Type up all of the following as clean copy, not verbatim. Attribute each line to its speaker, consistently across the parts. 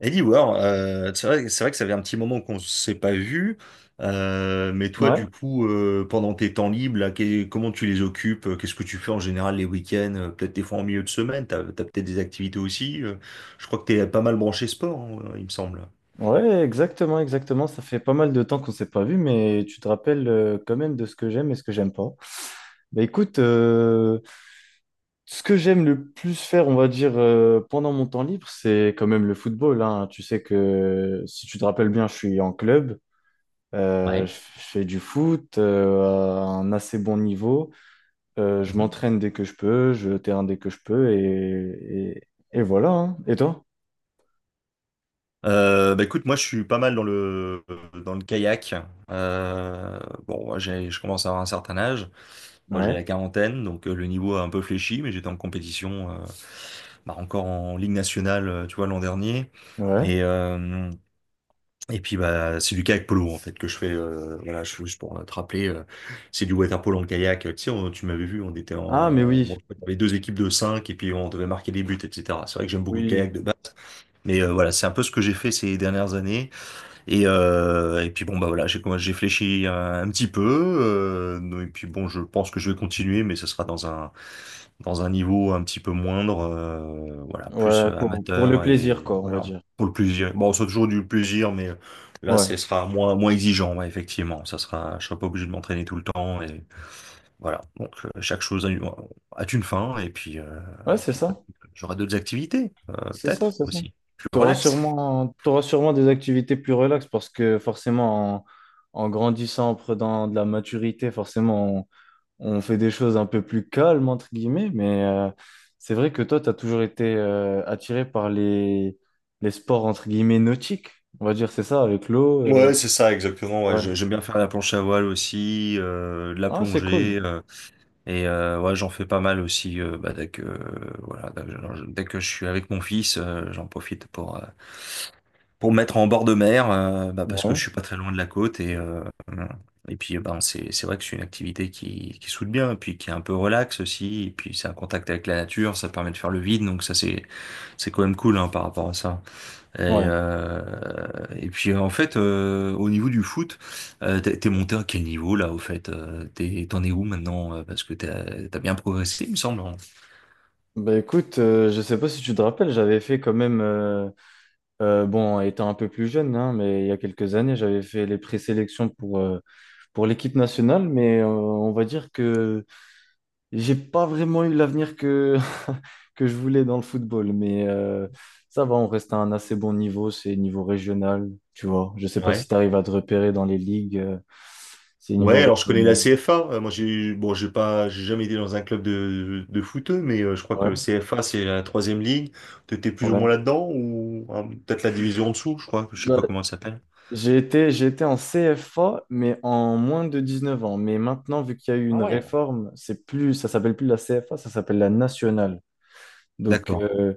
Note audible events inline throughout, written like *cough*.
Speaker 1: Eddie War, c'est vrai que ça fait un petit moment qu'on s'est pas vu, mais toi,
Speaker 2: Ouais,
Speaker 1: du coup, pendant tes temps libres, là, comment tu les occupes? Qu'est-ce que tu fais en général les week-ends? Peut-être des fois en milieu de semaine, t'as peut-être des activités aussi. Je crois que t'es pas mal branché sport, hein, il me semble.
Speaker 2: ouais, exactement, exactement. Ça fait pas mal de temps qu'on s'est pas vu, mais tu te rappelles quand même de ce que j'aime et ce que j'aime pas. Bah écoute, ce que j'aime le plus faire, on va dire, pendant mon temps libre, c'est quand même le football, hein. Tu sais que si tu te rappelles bien, je suis en club,
Speaker 1: Ouais.
Speaker 2: je fais du foot à un assez bon niveau. Je
Speaker 1: Mhm.
Speaker 2: m'entraîne dès que je peux, je vais au terrain dès que je peux, et, et voilà, hein. Et toi?
Speaker 1: Bah écoute, moi je suis pas mal dans le kayak. Euh, bon, moi, je commence à avoir un certain âge. Moi j'ai
Speaker 2: Ouais,
Speaker 1: la quarantaine, donc le niveau a un peu fléchi, mais j'étais en compétition bah, encore en Ligue nationale, tu vois, l'an dernier.
Speaker 2: ouais.
Speaker 1: Et, euh, et puis, bah, c'est du kayak polo, en fait, que je fais. Voilà, juste pour te rappeler, c'est du water polo en kayak. Tu sais, tu m'avais vu, on était
Speaker 2: Ah, mais
Speaker 1: en.
Speaker 2: oui,
Speaker 1: Bon, avait deux équipes de cinq et puis on devait marquer des buts, etc. C'est vrai que j'aime beaucoup le
Speaker 2: oui.
Speaker 1: kayak de base. Mais voilà, c'est un peu ce que j'ai fait ces dernières années. Et puis bon bah voilà, j'ai fléchi un petit peu. Non, et puis bon, je pense que je vais continuer, mais ce sera dans un niveau un petit peu moindre, voilà, plus
Speaker 2: Ouais, pour le
Speaker 1: amateur et
Speaker 2: plaisir, quoi, on va
Speaker 1: voilà
Speaker 2: dire.
Speaker 1: pour le plaisir. Bon, c'est toujours du plaisir, mais là,
Speaker 2: Ouais,
Speaker 1: ce sera moins exigeant, ouais, effectivement. Je serai pas obligé de m'entraîner tout le temps et voilà. Donc chaque chose a une fin et puis euh,
Speaker 2: ouais,
Speaker 1: et
Speaker 2: c'est
Speaker 1: puis bah,
Speaker 2: ça.
Speaker 1: j'aurai d'autres activités
Speaker 2: C'est
Speaker 1: peut-être
Speaker 2: ça, c'est ça.
Speaker 1: aussi plus relax.
Speaker 2: T'auras sûrement des activités plus relaxes parce que forcément, en, en grandissant, en prenant de la maturité, forcément, on fait des choses un peu plus calmes, entre guillemets. Mais c'est vrai que toi, t'as toujours été attiré par les sports, entre guillemets, nautiques. On va dire, c'est ça, avec l'eau.
Speaker 1: Ouais, c'est ça, exactement. Ouais,
Speaker 2: Ouais.
Speaker 1: j'aime bien faire la planche à voile aussi, de la
Speaker 2: Ah, c'est cool.
Speaker 1: plongée, ouais, j'en fais pas mal aussi. Bah, dès que voilà, dès que je suis avec mon fils, j'en profite pour me mettre en bord de mer, bah, parce que
Speaker 2: Ouais,
Speaker 1: je suis pas très loin de la côte et puis ben c'est vrai que c'est une activité qui soude bien, et puis qui est un peu relax aussi, et puis c'est un contact avec la nature, ça permet de faire le vide, donc ça c'est quand même cool, hein, par rapport à ça. Et,
Speaker 2: ouais.
Speaker 1: euh, et puis en fait, au niveau du foot, t'es monté à quel niveau là au fait? T'en es où maintenant? Parce que t'as bien progressé, il me semble, hein.
Speaker 2: Bah écoute, je sais pas si tu te rappelles, j'avais fait quand même. Bon, étant un peu plus jeune, hein, mais il y a quelques années, j'avais fait les présélections pour l'équipe nationale, mais on va dire que j'ai pas vraiment eu l'avenir que, *laughs* que je voulais dans le football. Mais ça va, on reste à un assez bon niveau, c'est niveau régional, tu vois. Je sais pas
Speaker 1: Ouais.
Speaker 2: si tu arrives à te repérer dans les ligues, c'est
Speaker 1: Ouais,
Speaker 2: niveau
Speaker 1: alors je connais la
Speaker 2: régional.
Speaker 1: CFA. Moi, j'ai jamais été dans un club de foot, mais je crois
Speaker 2: Ouais,
Speaker 1: que CFA, c'est la troisième ligue. T'étais plus ou
Speaker 2: ouais.
Speaker 1: moins là-dedans ou hein, peut-être la division en dessous, je crois. Je sais
Speaker 2: Bah,
Speaker 1: pas comment ça s'appelle.
Speaker 2: j'ai été, j'ai été en CFA, mais en moins de 19 ans. Mais maintenant, vu qu'il y a eu
Speaker 1: Ah
Speaker 2: une
Speaker 1: ouais.
Speaker 2: réforme, c'est plus, ça s'appelle plus la CFA, ça s'appelle la nationale. Donc,
Speaker 1: D'accord.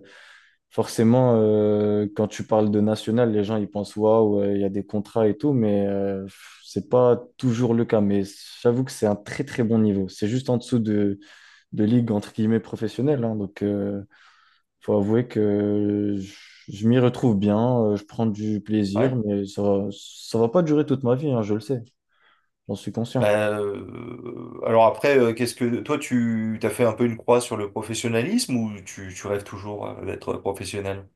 Speaker 2: forcément, quand tu parles de nationale, les gens ils pensent waouh, il y a des contrats et tout, mais pff, c'est pas toujours le cas. Mais j'avoue que c'est un très très bon niveau. C'est juste en dessous de ligue entre guillemets professionnelle, hein. Donc, faut avouer que je m'y retrouve bien, je prends du plaisir,
Speaker 1: Ouais.
Speaker 2: mais ça va pas durer toute ma vie, hein, je le sais, j'en suis conscient.
Speaker 1: Alors après, qu'est-ce que toi tu t'as fait un peu une croix sur le professionnalisme ou tu rêves toujours d'être professionnel?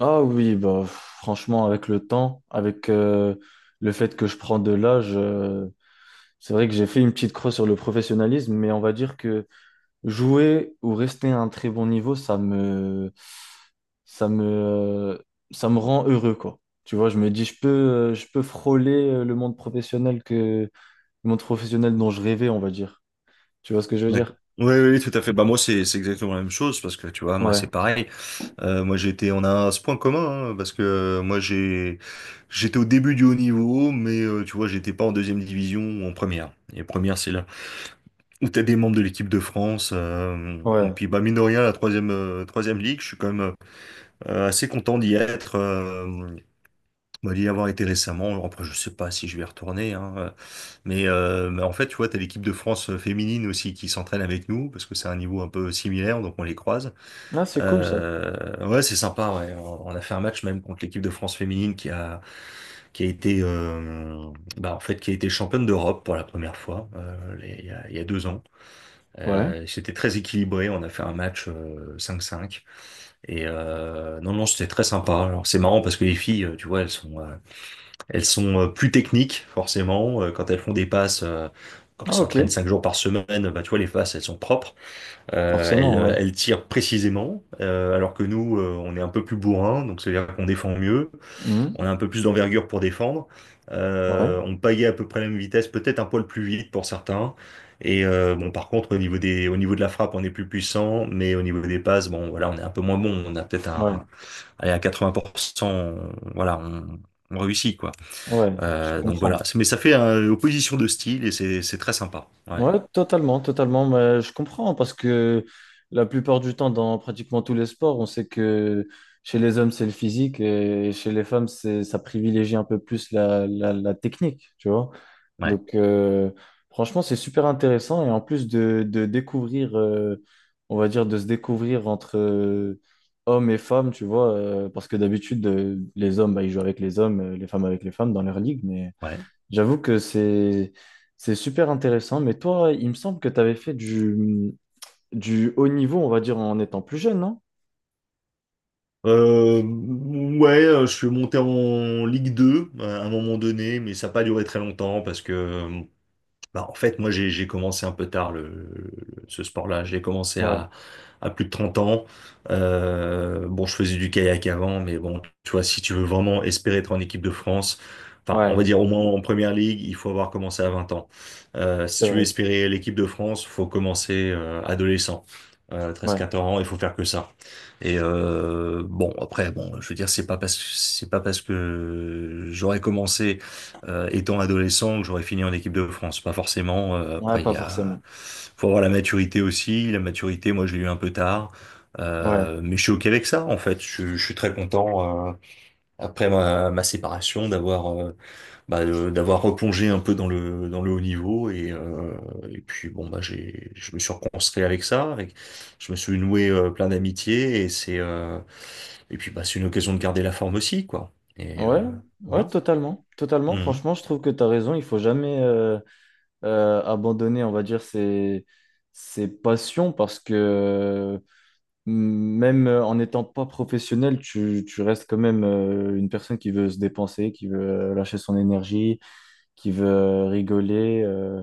Speaker 2: Ah oui, bah franchement, avec le temps, avec le fait que je prends de l'âge, c'est vrai que j'ai fait une petite croix sur le professionnalisme, mais on va dire que jouer ou rester à un très bon niveau, ça me, ça me, ça me rend heureux, quoi. Tu vois, je me dis, je peux frôler le monde professionnel que le monde professionnel dont je rêvais, on va dire. Tu vois ce que je veux dire?
Speaker 1: D'accord. Oui, oui, oui, tout à fait. Bah, moi, c'est exactement la même chose parce que tu vois, moi,
Speaker 2: Ouais,
Speaker 1: c'est pareil. Moi, on a ce point commun, hein, parce que moi, j'étais au début du haut niveau, mais tu vois, j'étais pas en deuxième division ou en première. Et première, c'est là où t'as des membres de l'équipe de France. Et
Speaker 2: ouais.
Speaker 1: puis, bah, mine de rien, la troisième ligue, je suis quand même assez content d'y être. Moi, d'y avoir été récemment, après je sais pas si je vais y retourner, hein, mais, mais en fait, tu vois, t'as l'équipe de France féminine aussi qui s'entraîne avec nous, parce que c'est un niveau un peu similaire, donc on les croise.
Speaker 2: Ah, c'est cool ça.
Speaker 1: Ouais, c'est sympa, ouais. On a fait un match même contre l'équipe de France féminine qui a été, euh, bah, en fait, qui a été championne d'Europe pour la première fois, il y a 2 ans.
Speaker 2: Ouais.
Speaker 1: C'était très équilibré, on a fait un match cinq 5. Et non, non, c'était très sympa. Alors c'est marrant parce que les filles, tu vois, elles sont plus techniques, forcément. Quand elles font des passes, comme elles
Speaker 2: Ah, ok.
Speaker 1: s'entraînent 5 jours par semaine, bah, tu vois, les passes, elles sont propres. Euh, elles,
Speaker 2: Forcément, ouais.
Speaker 1: euh, elles tirent précisément, alors que nous, on est un peu plus bourrin, donc c'est-à-dire qu'on défend mieux. On
Speaker 2: Mhm.
Speaker 1: a un peu plus d'envergure pour défendre.
Speaker 2: Ouais,
Speaker 1: On pagaie à peu près la même vitesse, peut-être un poil plus vite pour certains. Bon, par contre, au niveau de la frappe, on est plus puissant, mais au niveau des passes, bon, voilà, on est un peu moins bon. On a peut-être
Speaker 2: ouais,
Speaker 1: allez, à 80%, voilà, on réussit, quoi.
Speaker 2: ouais. Je
Speaker 1: Donc
Speaker 2: comprends.
Speaker 1: voilà, mais ça fait une opposition de style et c'est très sympa. Ouais,
Speaker 2: Ouais, totalement, totalement. Mais je comprends parce que la plupart du temps, dans pratiquement tous les sports, on sait que chez les hommes, c'est le physique et chez les femmes, c'est, ça privilégie un peu plus la, la, la technique, tu vois.
Speaker 1: ouais,
Speaker 2: Donc, franchement, c'est super intéressant et en plus de découvrir, on va dire, de se découvrir entre hommes et femmes, tu vois, parce que d'habitude, les hommes, bah, ils jouent avec les hommes, les femmes avec les femmes dans leur ligue, mais.
Speaker 1: ouais.
Speaker 2: J'avoue que c'est super intéressant, mais toi, il me semble que tu avais fait du haut niveau, on va dire, en étant plus jeune, non?
Speaker 1: Ouais, je suis monté en Ligue 2 à un moment donné, mais ça n'a pas duré très longtemps parce que bah, en fait, moi, j'ai commencé un peu tard ce sport-là. J'ai commencé
Speaker 2: Ouais,
Speaker 1: à plus de 30 ans. Bon, je faisais du kayak avant, mais bon, tu vois, si tu veux vraiment espérer être en équipe de France, enfin, on
Speaker 2: ouais,
Speaker 1: va dire au moins en première ligue, il faut avoir commencé à 20 ans. Si
Speaker 2: c'est
Speaker 1: tu veux
Speaker 2: vrai.
Speaker 1: espérer l'équipe de France, faut commencer adolescent.
Speaker 2: Ouais,
Speaker 1: 13-14 ans, il faut faire que ça. Bon, après, bon, je veux dire, c'est pas parce que j'aurais commencé étant adolescent, que j'aurais fini en équipe de France. Pas forcément.
Speaker 2: ouais,
Speaker 1: Après,
Speaker 2: pas forcément.
Speaker 1: faut avoir la maturité aussi. La maturité, moi, je l'ai eu un peu tard.
Speaker 2: Ouais,
Speaker 1: Mais je suis OK avec ça, en fait. Je suis très content, après ma séparation, d'avoir replongé un peu dans dans le haut niveau. Et puis, bon, bah, je me suis reconstruit avec ça. Je me suis noué plein d'amitiés. Et puis, bah, c'est une occasion de garder la forme aussi, quoi.
Speaker 2: ouais, ouais,
Speaker 1: Voilà.
Speaker 2: totalement. Totalement,
Speaker 1: Mhm.
Speaker 2: franchement, je trouve que tu as raison. Il faut jamais abandonner, on va dire, ses, ses passions parce que même en n'étant pas professionnel, tu restes quand même une personne qui veut se dépenser, qui veut lâcher son énergie qui veut rigoler,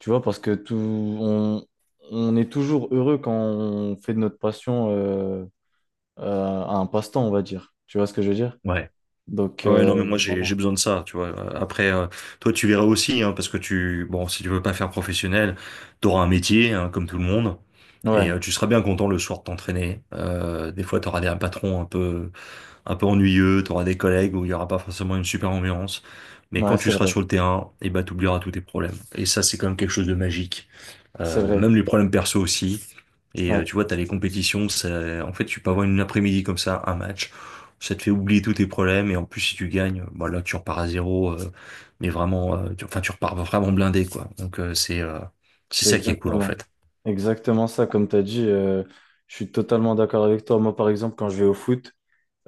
Speaker 2: tu vois, parce que tout, on est toujours heureux quand on fait de notre passion un passe-temps, on va dire. Tu vois ce que je veux dire?
Speaker 1: Ouais.
Speaker 2: Donc,
Speaker 1: Ah ouais, non, mais moi j'ai
Speaker 2: voilà.
Speaker 1: besoin de ça, tu vois. Après, toi tu verras aussi, hein, parce que bon, si tu veux pas faire professionnel, t'auras un métier, hein, comme tout le monde, et
Speaker 2: Ouais,
Speaker 1: tu seras bien content le soir de t'entraîner. Des fois, t'auras des patrons un peu, un peu ennuyeux, t'auras des collègues où il y aura pas forcément une super ambiance, mais quand
Speaker 2: ouais,
Speaker 1: tu seras sur le terrain, et ben t'oublieras tous tes problèmes. Et ça, c'est quand même quelque chose de magique,
Speaker 2: c'est vrai,
Speaker 1: même les problèmes perso aussi.
Speaker 2: ouais,
Speaker 1: Tu vois, t'as les compétitions, en fait, tu peux avoir une après-midi comme ça, un match, ça te fait oublier tous tes problèmes, et en plus, si tu gagnes, bah là, tu repars à zéro, mais vraiment, enfin, tu repars vraiment blindé, quoi. Donc, c'est
Speaker 2: c'est
Speaker 1: ça qui est cool, en
Speaker 2: exactement,
Speaker 1: fait.
Speaker 2: exactement ça, comme tu as dit, je suis totalement d'accord avec toi. Moi, par exemple, quand je vais au foot,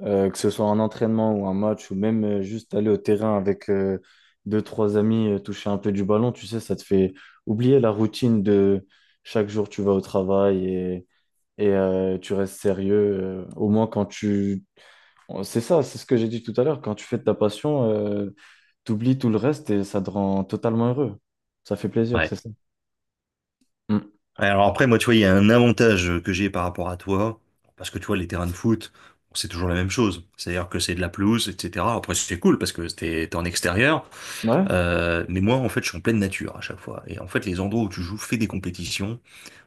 Speaker 2: Que ce soit un entraînement ou un match, ou même juste aller au terrain avec deux, trois amis, toucher un peu du ballon, tu sais, ça te fait oublier la routine de chaque jour tu vas au travail et, tu restes sérieux. Au moins quand tu... c'est ça, c'est ce que j'ai dit tout à l'heure, quand tu fais de ta passion, t'oublies tout le reste et ça te rend totalement heureux. Ça fait plaisir,
Speaker 1: Ouais.
Speaker 2: c'est ça. Mm.
Speaker 1: Alors après, moi, tu vois, il y a un avantage que j'ai par rapport à toi, parce que tu vois, les terrains de foot, c'est toujours la même chose. C'est-à-dire que c'est de la pelouse, etc. Après, c'est cool parce que t'es en extérieur.
Speaker 2: Ouais?
Speaker 1: Mais moi, en fait, je suis en pleine nature à chaque fois. Et en fait, les endroits où tu joues, fais des compétitions,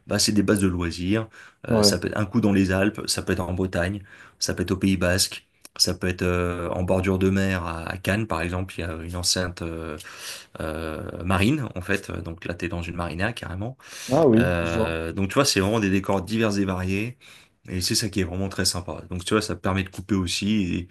Speaker 1: bah, c'est des bases de loisirs. Ça
Speaker 2: Ouais.
Speaker 1: peut être un coup dans les Alpes, ça peut être en Bretagne, ça peut être au Pays Basque, ça peut être en bordure de mer à Cannes, par exemple. Il y a une enceinte marine, en fait. Donc là, tu es dans une marina carrément.
Speaker 2: Ah oui, je vois.
Speaker 1: Donc tu vois, c'est vraiment des décors divers et variés. Et c'est ça qui est vraiment très sympa. Donc tu vois, ça permet de couper aussi.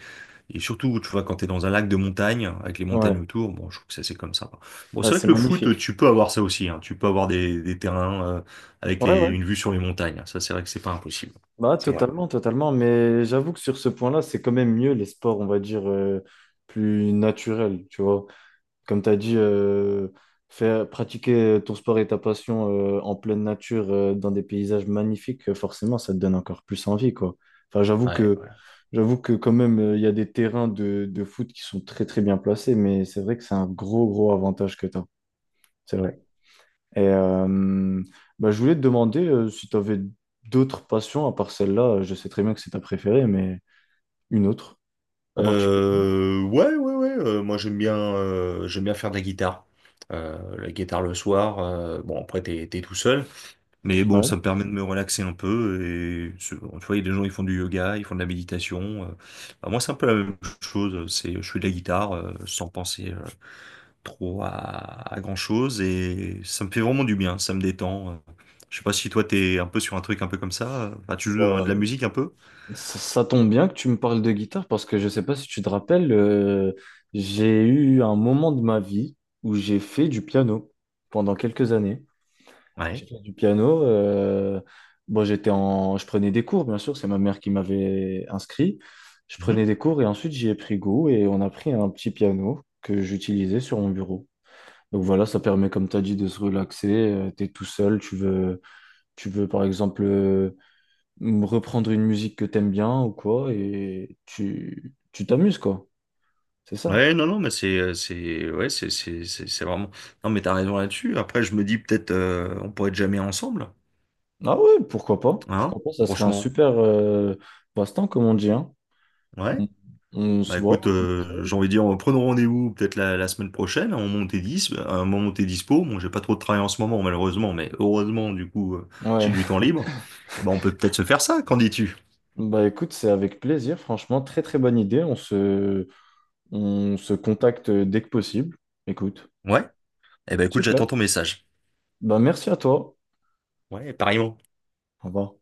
Speaker 1: Et surtout, tu vois, quand t'es dans un lac de montagne, avec les
Speaker 2: Ouais.
Speaker 1: montagnes autour, bon, je trouve que ça c'est comme ça. Bon,
Speaker 2: Ah,
Speaker 1: c'est vrai
Speaker 2: c'est
Speaker 1: que le foot,
Speaker 2: magnifique.
Speaker 1: tu peux avoir ça aussi, hein. Tu peux avoir des terrains avec
Speaker 2: Ouais, ouais.
Speaker 1: une vue sur les montagnes. Ça, c'est vrai que c'est pas impossible.
Speaker 2: Bah,
Speaker 1: C'est vrai.
Speaker 2: totalement, totalement. Mais j'avoue que sur ce point-là, c'est quand même mieux les sports, on va dire, plus naturels, tu vois. Comme tu as dit, faire, pratiquer ton sport et ta passion en pleine nature, dans des paysages magnifiques, forcément, ça te donne encore plus envie, quoi. Enfin,
Speaker 1: Ouais, ouais,
Speaker 2: j'avoue que quand même, il y a des terrains de foot qui sont très, très bien placés, mais c'est vrai que c'est un gros, gros avantage que tu as. C'est vrai.
Speaker 1: ouais.
Speaker 2: Et bah, je voulais te demander si tu avais d'autres passions à part celle-là. Je sais très bien que c'est ta préférée, mais une autre en particulier.
Speaker 1: Ouais, ouais, ouais. Moi, j'aime bien faire de la guitare. La guitare le soir. Bon, après, t'es tout seul. Mais bon, ça
Speaker 2: Ouais.
Speaker 1: me permet de me relaxer un peu. Tu vois, il y a des gens qui font du yoga, ils font de la méditation. Bah, moi, c'est un peu la même chose. Je fais de la guitare sans penser trop à grand-chose. Et ça me fait vraiment du bien, ça me détend. Je sais pas si toi, t'es un peu sur un truc un peu comme ça. Enfin, tu joues de
Speaker 2: Euh,
Speaker 1: la musique un peu?
Speaker 2: Ça, ça tombe bien que tu me parles de guitare parce que je sais pas si tu te rappelles, j'ai eu un moment de ma vie où j'ai fait du piano pendant quelques années. J'ai
Speaker 1: Ouais.
Speaker 2: fait du piano. Bon, j'étais en, je prenais des cours, bien sûr, c'est ma mère qui m'avait inscrit. Je
Speaker 1: Mhm.
Speaker 2: prenais des cours et ensuite j'y ai pris goût et on a pris un petit piano que j'utilisais sur mon bureau. Donc voilà, ça permet, comme tu as dit, de se relaxer. Tu es tout seul, tu veux par exemple reprendre une musique que t'aimes bien ou quoi, et tu t'amuses, quoi. C'est ça.
Speaker 1: Ouais, non, non, mais ouais, c'est vraiment. Non, mais t'as raison là-dessus. Après, je me dis peut-être, on pourrait être jamais ensemble,
Speaker 2: Ah ouais, pourquoi pas?
Speaker 1: hein?
Speaker 2: Pourquoi pas? Ça serait un
Speaker 1: Franchement.
Speaker 2: super passe-temps, comme on dit, hein.
Speaker 1: Ouais.
Speaker 2: On, on
Speaker 1: Bah
Speaker 2: se
Speaker 1: écoute,
Speaker 2: voit. On essaye.
Speaker 1: j'ai envie de dire, prenons rendez-vous peut-être la semaine prochaine, à un moment où t'es dispo. Bon, j'ai pas trop de travail en ce moment, malheureusement, mais heureusement, du coup,
Speaker 2: Ouais,
Speaker 1: j'ai du temps
Speaker 2: *laughs*
Speaker 1: libre. Et ben, on peut peut-être se faire ça, qu'en dis-tu?
Speaker 2: bah écoute, c'est avec plaisir, franchement, très très bonne idée. On se contacte dès que possible. Écoute,
Speaker 1: Ouais? Eh ben, écoute, j'attends
Speaker 2: super.
Speaker 1: ton message.
Speaker 2: Bah merci à toi.
Speaker 1: Ouais, pareillement.
Speaker 2: Au revoir.